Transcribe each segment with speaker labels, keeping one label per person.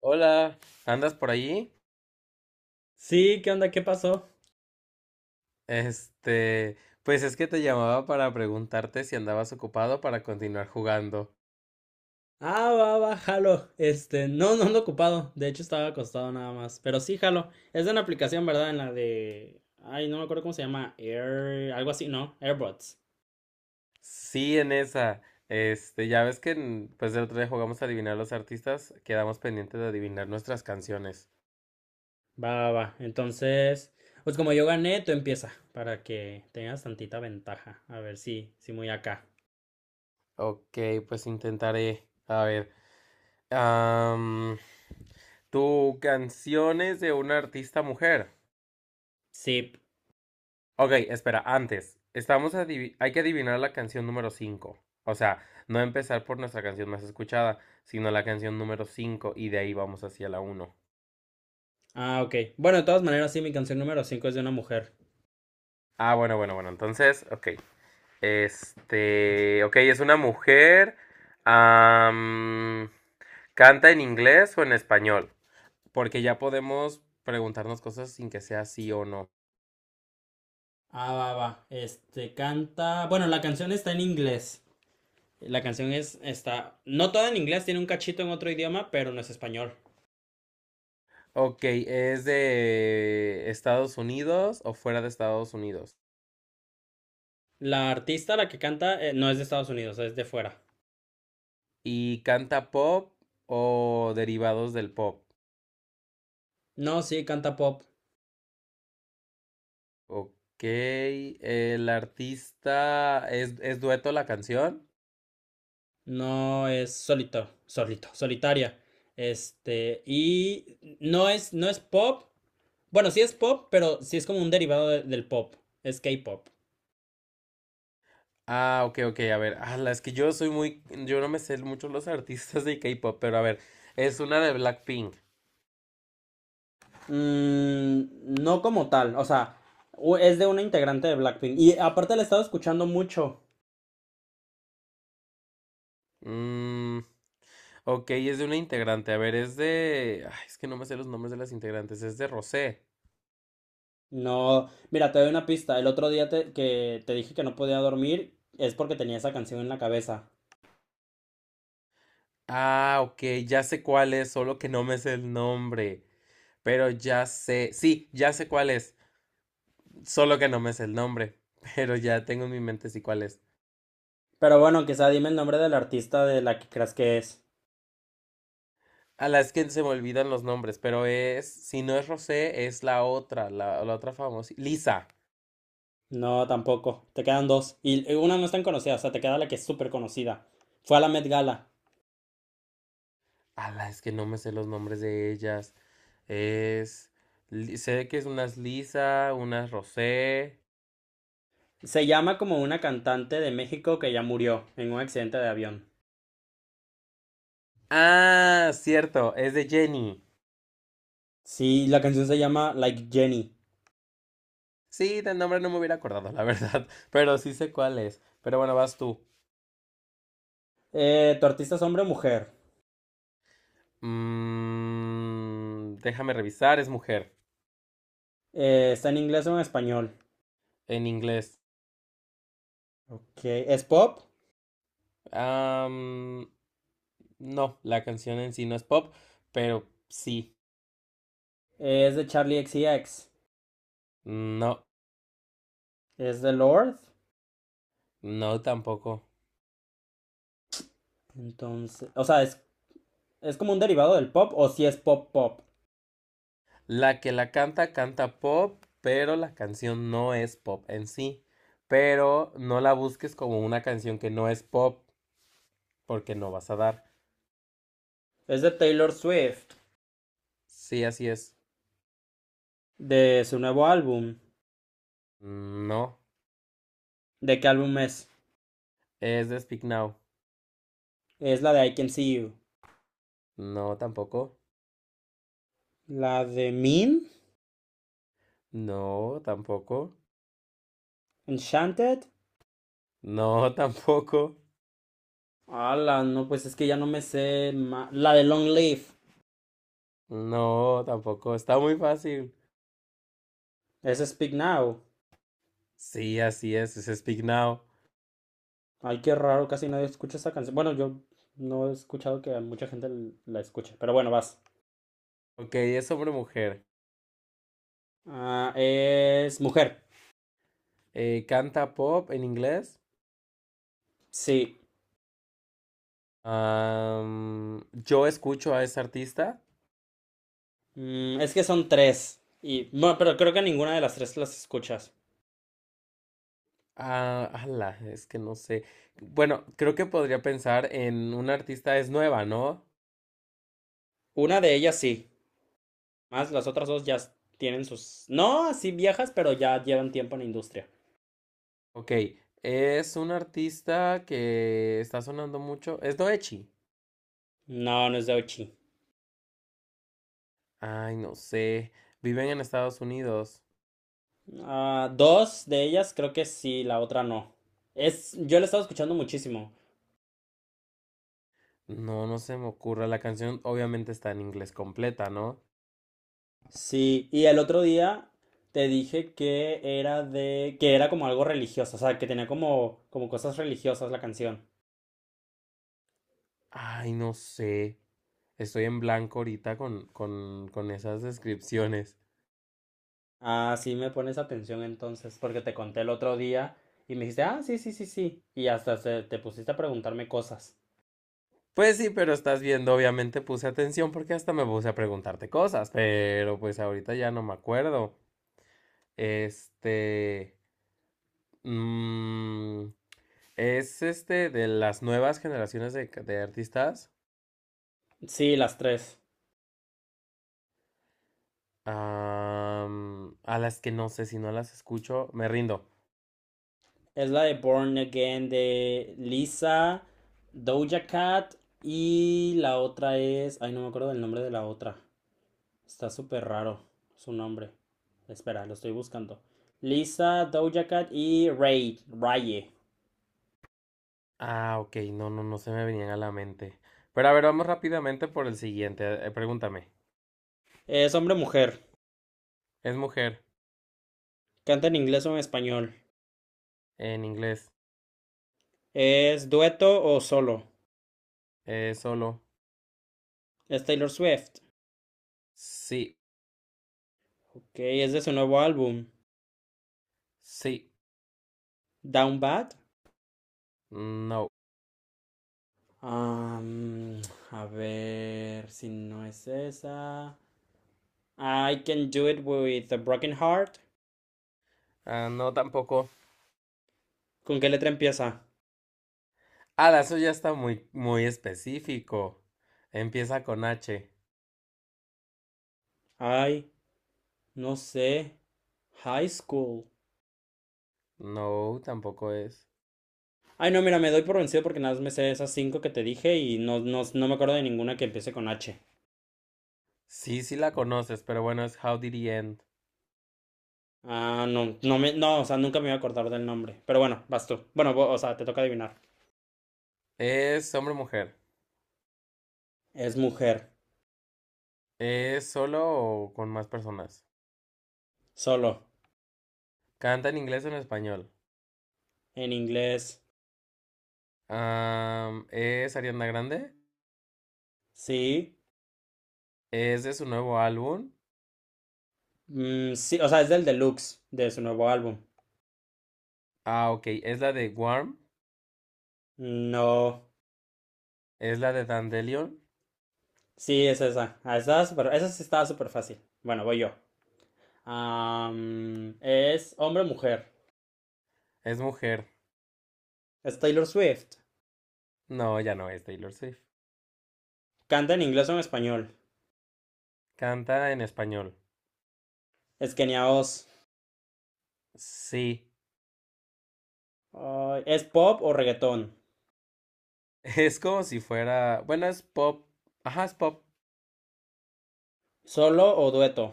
Speaker 1: Hola, ¿andas por allí?
Speaker 2: Sí, ¿qué onda? ¿Qué pasó?
Speaker 1: Este, pues es que te llamaba para preguntarte si andabas ocupado para continuar jugando.
Speaker 2: Ah, va, va, jalo. No ando ocupado. De hecho, estaba acostado nada más. Pero sí, jalo. Es de una aplicación, ¿verdad? En la de. Ay, no me acuerdo cómo se llama. Air. Algo así, ¿no? AirBots.
Speaker 1: Sí, en esa. Ya ves que pues el otro día jugamos a adivinar los artistas, quedamos pendientes de adivinar nuestras canciones.
Speaker 2: Va, va, va. Entonces, pues como yo gané, tú empieza. Para que tengas tantita ventaja. A ver si, sí, muy acá.
Speaker 1: Ok, pues intentaré. A ver, am, ¿tu canción es de una artista mujer?
Speaker 2: Sí.
Speaker 1: Ok, espera, antes, hay que adivinar la canción número 5. O sea, no empezar por nuestra canción más escuchada, sino la canción número 5 y de ahí vamos hacia la uno.
Speaker 2: Ah, ok. Bueno, de todas maneras, sí, mi canción número 5 es de una mujer.
Speaker 1: Ah, bueno, bueno, bueno, entonces, ok. Ok, es una mujer. am, ¿Canta en inglés o en español? Porque ya podemos preguntarnos cosas sin que sea sí o no.
Speaker 2: Ah, va, va. Canta. Bueno, la canción está en inglés. La canción es, está, no toda en inglés, tiene un cachito en otro idioma, pero no es español.
Speaker 1: Ok, ¿es de Estados Unidos o fuera de Estados Unidos?
Speaker 2: La artista, la que canta, no es de Estados Unidos, es de fuera.
Speaker 1: ¿Y canta pop o derivados del pop?
Speaker 2: No, sí, canta pop.
Speaker 1: Ok. ¿El artista es dueto la canción?
Speaker 2: No es solitaria. Y no es pop. Bueno, sí es pop, pero sí es como un derivado del pop. Es K-pop.
Speaker 1: Ah, ok, ok. A ver. Ah, es que yo soy muy. Yo no me sé mucho los artistas de K-pop, pero a ver. Es una de Blackpink.
Speaker 2: Mm, no como tal, o sea, es de una integrante de Blackpink. Y aparte la he estado escuchando mucho.
Speaker 1: Mm, ok, es de una integrante. A ver, es de. Ay, es que no me sé los nombres de las integrantes. Es de Rosé.
Speaker 2: No, mira, te doy una pista. El otro día que te dije que no podía dormir es porque tenía esa canción en la cabeza.
Speaker 1: Ah, ok, ya sé cuál es, solo que no me sé el nombre. Pero ya sé. Sí, ya sé cuál es. Solo que no me sé el nombre, pero ya tengo en mi mente sí cuál es.
Speaker 2: Pero bueno, quizá dime el nombre del artista de la que creas que es.
Speaker 1: A las que se me olvidan los nombres, pero es, si no es Rosé, es la otra, la otra famosa, Lisa.
Speaker 2: No, tampoco. Te quedan dos. Y una no es tan conocida, o sea, te queda la que es súper conocida. Fue a la Met Gala.
Speaker 1: A las que no me sé los nombres de ellas. Es, sé que es unas Lisa, unas Rosé.
Speaker 2: Se llama como una cantante de México que ya murió en un accidente de avión.
Speaker 1: Ah, cierto, es de Jenny.
Speaker 2: Sí, la canción se llama Like Jenny.
Speaker 1: Sí, del nombre no me hubiera acordado, la verdad, pero sí sé cuál es. Pero bueno, vas tú.
Speaker 2: ¿Tu artista es hombre o mujer?
Speaker 1: Mm, déjame revisar, es mujer,
Speaker 2: ¿Está en inglés o en español?
Speaker 1: en inglés.
Speaker 2: Ok, ¿es pop?
Speaker 1: Am, no, la canción en sí no es pop, pero sí.
Speaker 2: Es de Charlie X C X.
Speaker 1: No,
Speaker 2: Es de Lord.
Speaker 1: no tampoco.
Speaker 2: Entonces, o sea, es como un derivado del pop o si sí es pop pop.
Speaker 1: La que la canta, canta pop, pero la canción no es pop en sí. Pero no la busques como una canción que no es pop, porque no vas a dar.
Speaker 2: Es de Taylor Swift,
Speaker 1: Sí, así es.
Speaker 2: de su nuevo álbum.
Speaker 1: No,
Speaker 2: ¿De qué álbum es?
Speaker 1: es de Speak Now.
Speaker 2: Es la de I Can See You.
Speaker 1: No, tampoco.
Speaker 2: La de Mean,
Speaker 1: No, tampoco.
Speaker 2: Enchanted.
Speaker 1: No, tampoco.
Speaker 2: La no, pues es que ya no me sé. La de Long Live,
Speaker 1: No, tampoco. Está muy fácil.
Speaker 2: es Speak Now.
Speaker 1: Sí, así es Speak Now.
Speaker 2: Ay, qué raro, casi nadie escucha esa canción. Bueno, yo no he escuchado que mucha gente la escuche, pero bueno, vas.
Speaker 1: Ok, es sobre mujer.
Speaker 2: Ah, es Mujer.
Speaker 1: Canta pop en inglés.
Speaker 2: Sí.
Speaker 1: Yo escucho a esa artista.
Speaker 2: Mm, es que son tres. Y no, pero creo que ninguna de las tres las escuchas.
Speaker 1: Ah, ala, es que no sé. Bueno, creo que podría pensar en una artista, es nueva, ¿no?
Speaker 2: Una de ellas sí. Más las otras dos tienen sus. No, sí viejas, pero ya llevan tiempo en la industria.
Speaker 1: Ok, es una artista que está sonando mucho. Es Doechi.
Speaker 2: No, no es de Ochi.
Speaker 1: Ay, no sé. Viven en Estados Unidos.
Speaker 2: Ah, dos de ellas creo que sí, la otra no. Es, yo la estaba escuchando muchísimo.
Speaker 1: No, no se me ocurre. La canción obviamente está en inglés completa, ¿no?
Speaker 2: Sí, y el otro día te dije que era que era como algo religioso, o sea, que tenía como cosas religiosas la canción.
Speaker 1: Ay, no sé. Estoy en blanco ahorita con, con esas descripciones.
Speaker 2: Ah, sí me pones atención entonces, porque te conté el otro día y me dijiste, ah, sí, sí, sí, sí. Y hasta te pusiste a preguntarme cosas.
Speaker 1: Pues sí, pero estás viendo, obviamente puse atención porque hasta me puse a preguntarte cosas, pero pues ahorita ya no me acuerdo. Este... mm, es este de las nuevas generaciones de artistas.
Speaker 2: Sí, las tres.
Speaker 1: A las que no sé, si no las escucho, me rindo.
Speaker 2: Es la de Born Again de Lisa, Doja Cat y la otra es... Ay, no me acuerdo del nombre de la otra. Está súper raro su nombre. Espera, lo estoy buscando. Lisa, Doja Cat y Raye.
Speaker 1: Ah, ok, no, no, no se me venían a la mente. Pero a ver, vamos rápidamente por el siguiente. Pregúntame.
Speaker 2: Es hombre-mujer.
Speaker 1: Es mujer
Speaker 2: Canta en inglés o en español.
Speaker 1: en inglés.
Speaker 2: ¿Es dueto o solo?
Speaker 1: Solo.
Speaker 2: Es Taylor Swift.
Speaker 1: Sí.
Speaker 2: Ok, es de su nuevo álbum,
Speaker 1: Sí.
Speaker 2: Down Bad.
Speaker 1: No.
Speaker 2: Am, a ver si no es esa. I can do it with a broken heart.
Speaker 1: Ah, no, tampoco.
Speaker 2: ¿Con qué letra empieza?
Speaker 1: Ah, eso ya está muy, muy específico. Empieza con H.
Speaker 2: Ay, no sé. High school.
Speaker 1: No, tampoco es.
Speaker 2: Ay, no, mira, me doy por vencido porque nada más me sé esas cinco que te dije y no me acuerdo de ninguna que empiece con H.
Speaker 1: Sí, sí la conoces, pero bueno, es How Did He End.
Speaker 2: Ah, no, no, o sea, nunca me iba a acordar del nombre. Pero bueno, vas tú. Bueno, o sea, te toca adivinar.
Speaker 1: ¿Es hombre o mujer?
Speaker 2: Es mujer,
Speaker 1: ¿Es solo o con más personas?
Speaker 2: solo,
Speaker 1: ¿Canta en inglés o en español?
Speaker 2: en inglés.
Speaker 1: ¿Es Ariana Grande?
Speaker 2: Sí.
Speaker 1: ¿Es de su nuevo álbum?
Speaker 2: Mm, sí, o sea, es del deluxe de su nuevo álbum.
Speaker 1: Ah, ok. ¿Es la de Warm?
Speaker 2: No,
Speaker 1: ¿Es la de Dandelion?
Speaker 2: sí, es esa. Ah, esa, es súper- esa sí estaba súper fácil. Bueno, voy yo. Es hombre o mujer.
Speaker 1: ¿Es mujer?
Speaker 2: Es Taylor Swift.
Speaker 1: No, ya no es Taylor Swift.
Speaker 2: Canta en inglés o en español.
Speaker 1: Canta en español.
Speaker 2: Es Kenia Oz.
Speaker 1: Sí.
Speaker 2: Ay, es pop o reggaetón.
Speaker 1: Es como si fuera. Bueno, es pop. Ajá, es pop.
Speaker 2: Solo o dueto.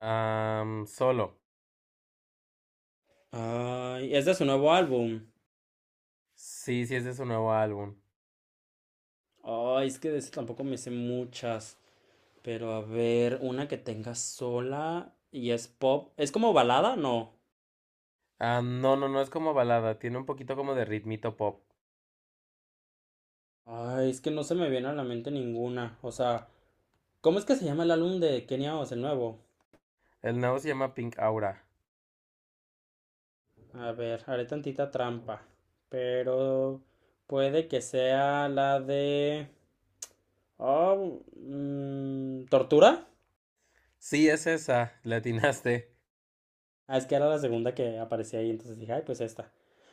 Speaker 1: Solo.
Speaker 2: Ay, es de su nuevo álbum.
Speaker 1: Sí, sí, es de su nuevo álbum.
Speaker 2: Ay, es que de ese tampoco me sé muchas. Pero a ver, una que tenga sola y es pop. ¿Es como balada? No.
Speaker 1: Ah, no, no, no es como balada. Tiene un poquito como de ritmito pop.
Speaker 2: Ay, es que no se me viene a la mente ninguna. O sea, ¿cómo es que se llama el álbum de Kenia Oz, el nuevo?
Speaker 1: El nuevo se llama Pink Aura.
Speaker 2: A ver, haré tantita trampa. Pero puede que sea la de... Oh, ¿tortura?
Speaker 1: Sí, es esa. Le atinaste.
Speaker 2: Ah, es que era la segunda que aparecía ahí, entonces dije, ay, pues esta.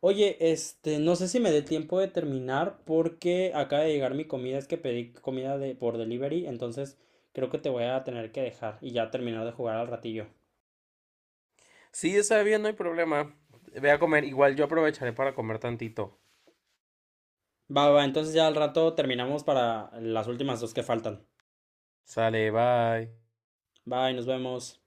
Speaker 2: Oye, no sé si me dé tiempo de terminar porque acaba de llegar mi comida, es que pedí comida por delivery, entonces creo que te voy a tener que dejar y ya terminar de jugar al ratillo.
Speaker 1: Sí, está bien, no hay problema. Ve a comer. Igual yo aprovecharé para comer tantito.
Speaker 2: Va, va, va, entonces ya al rato terminamos para las últimas dos que faltan.
Speaker 1: Sale, bye.
Speaker 2: Bye, nos vemos.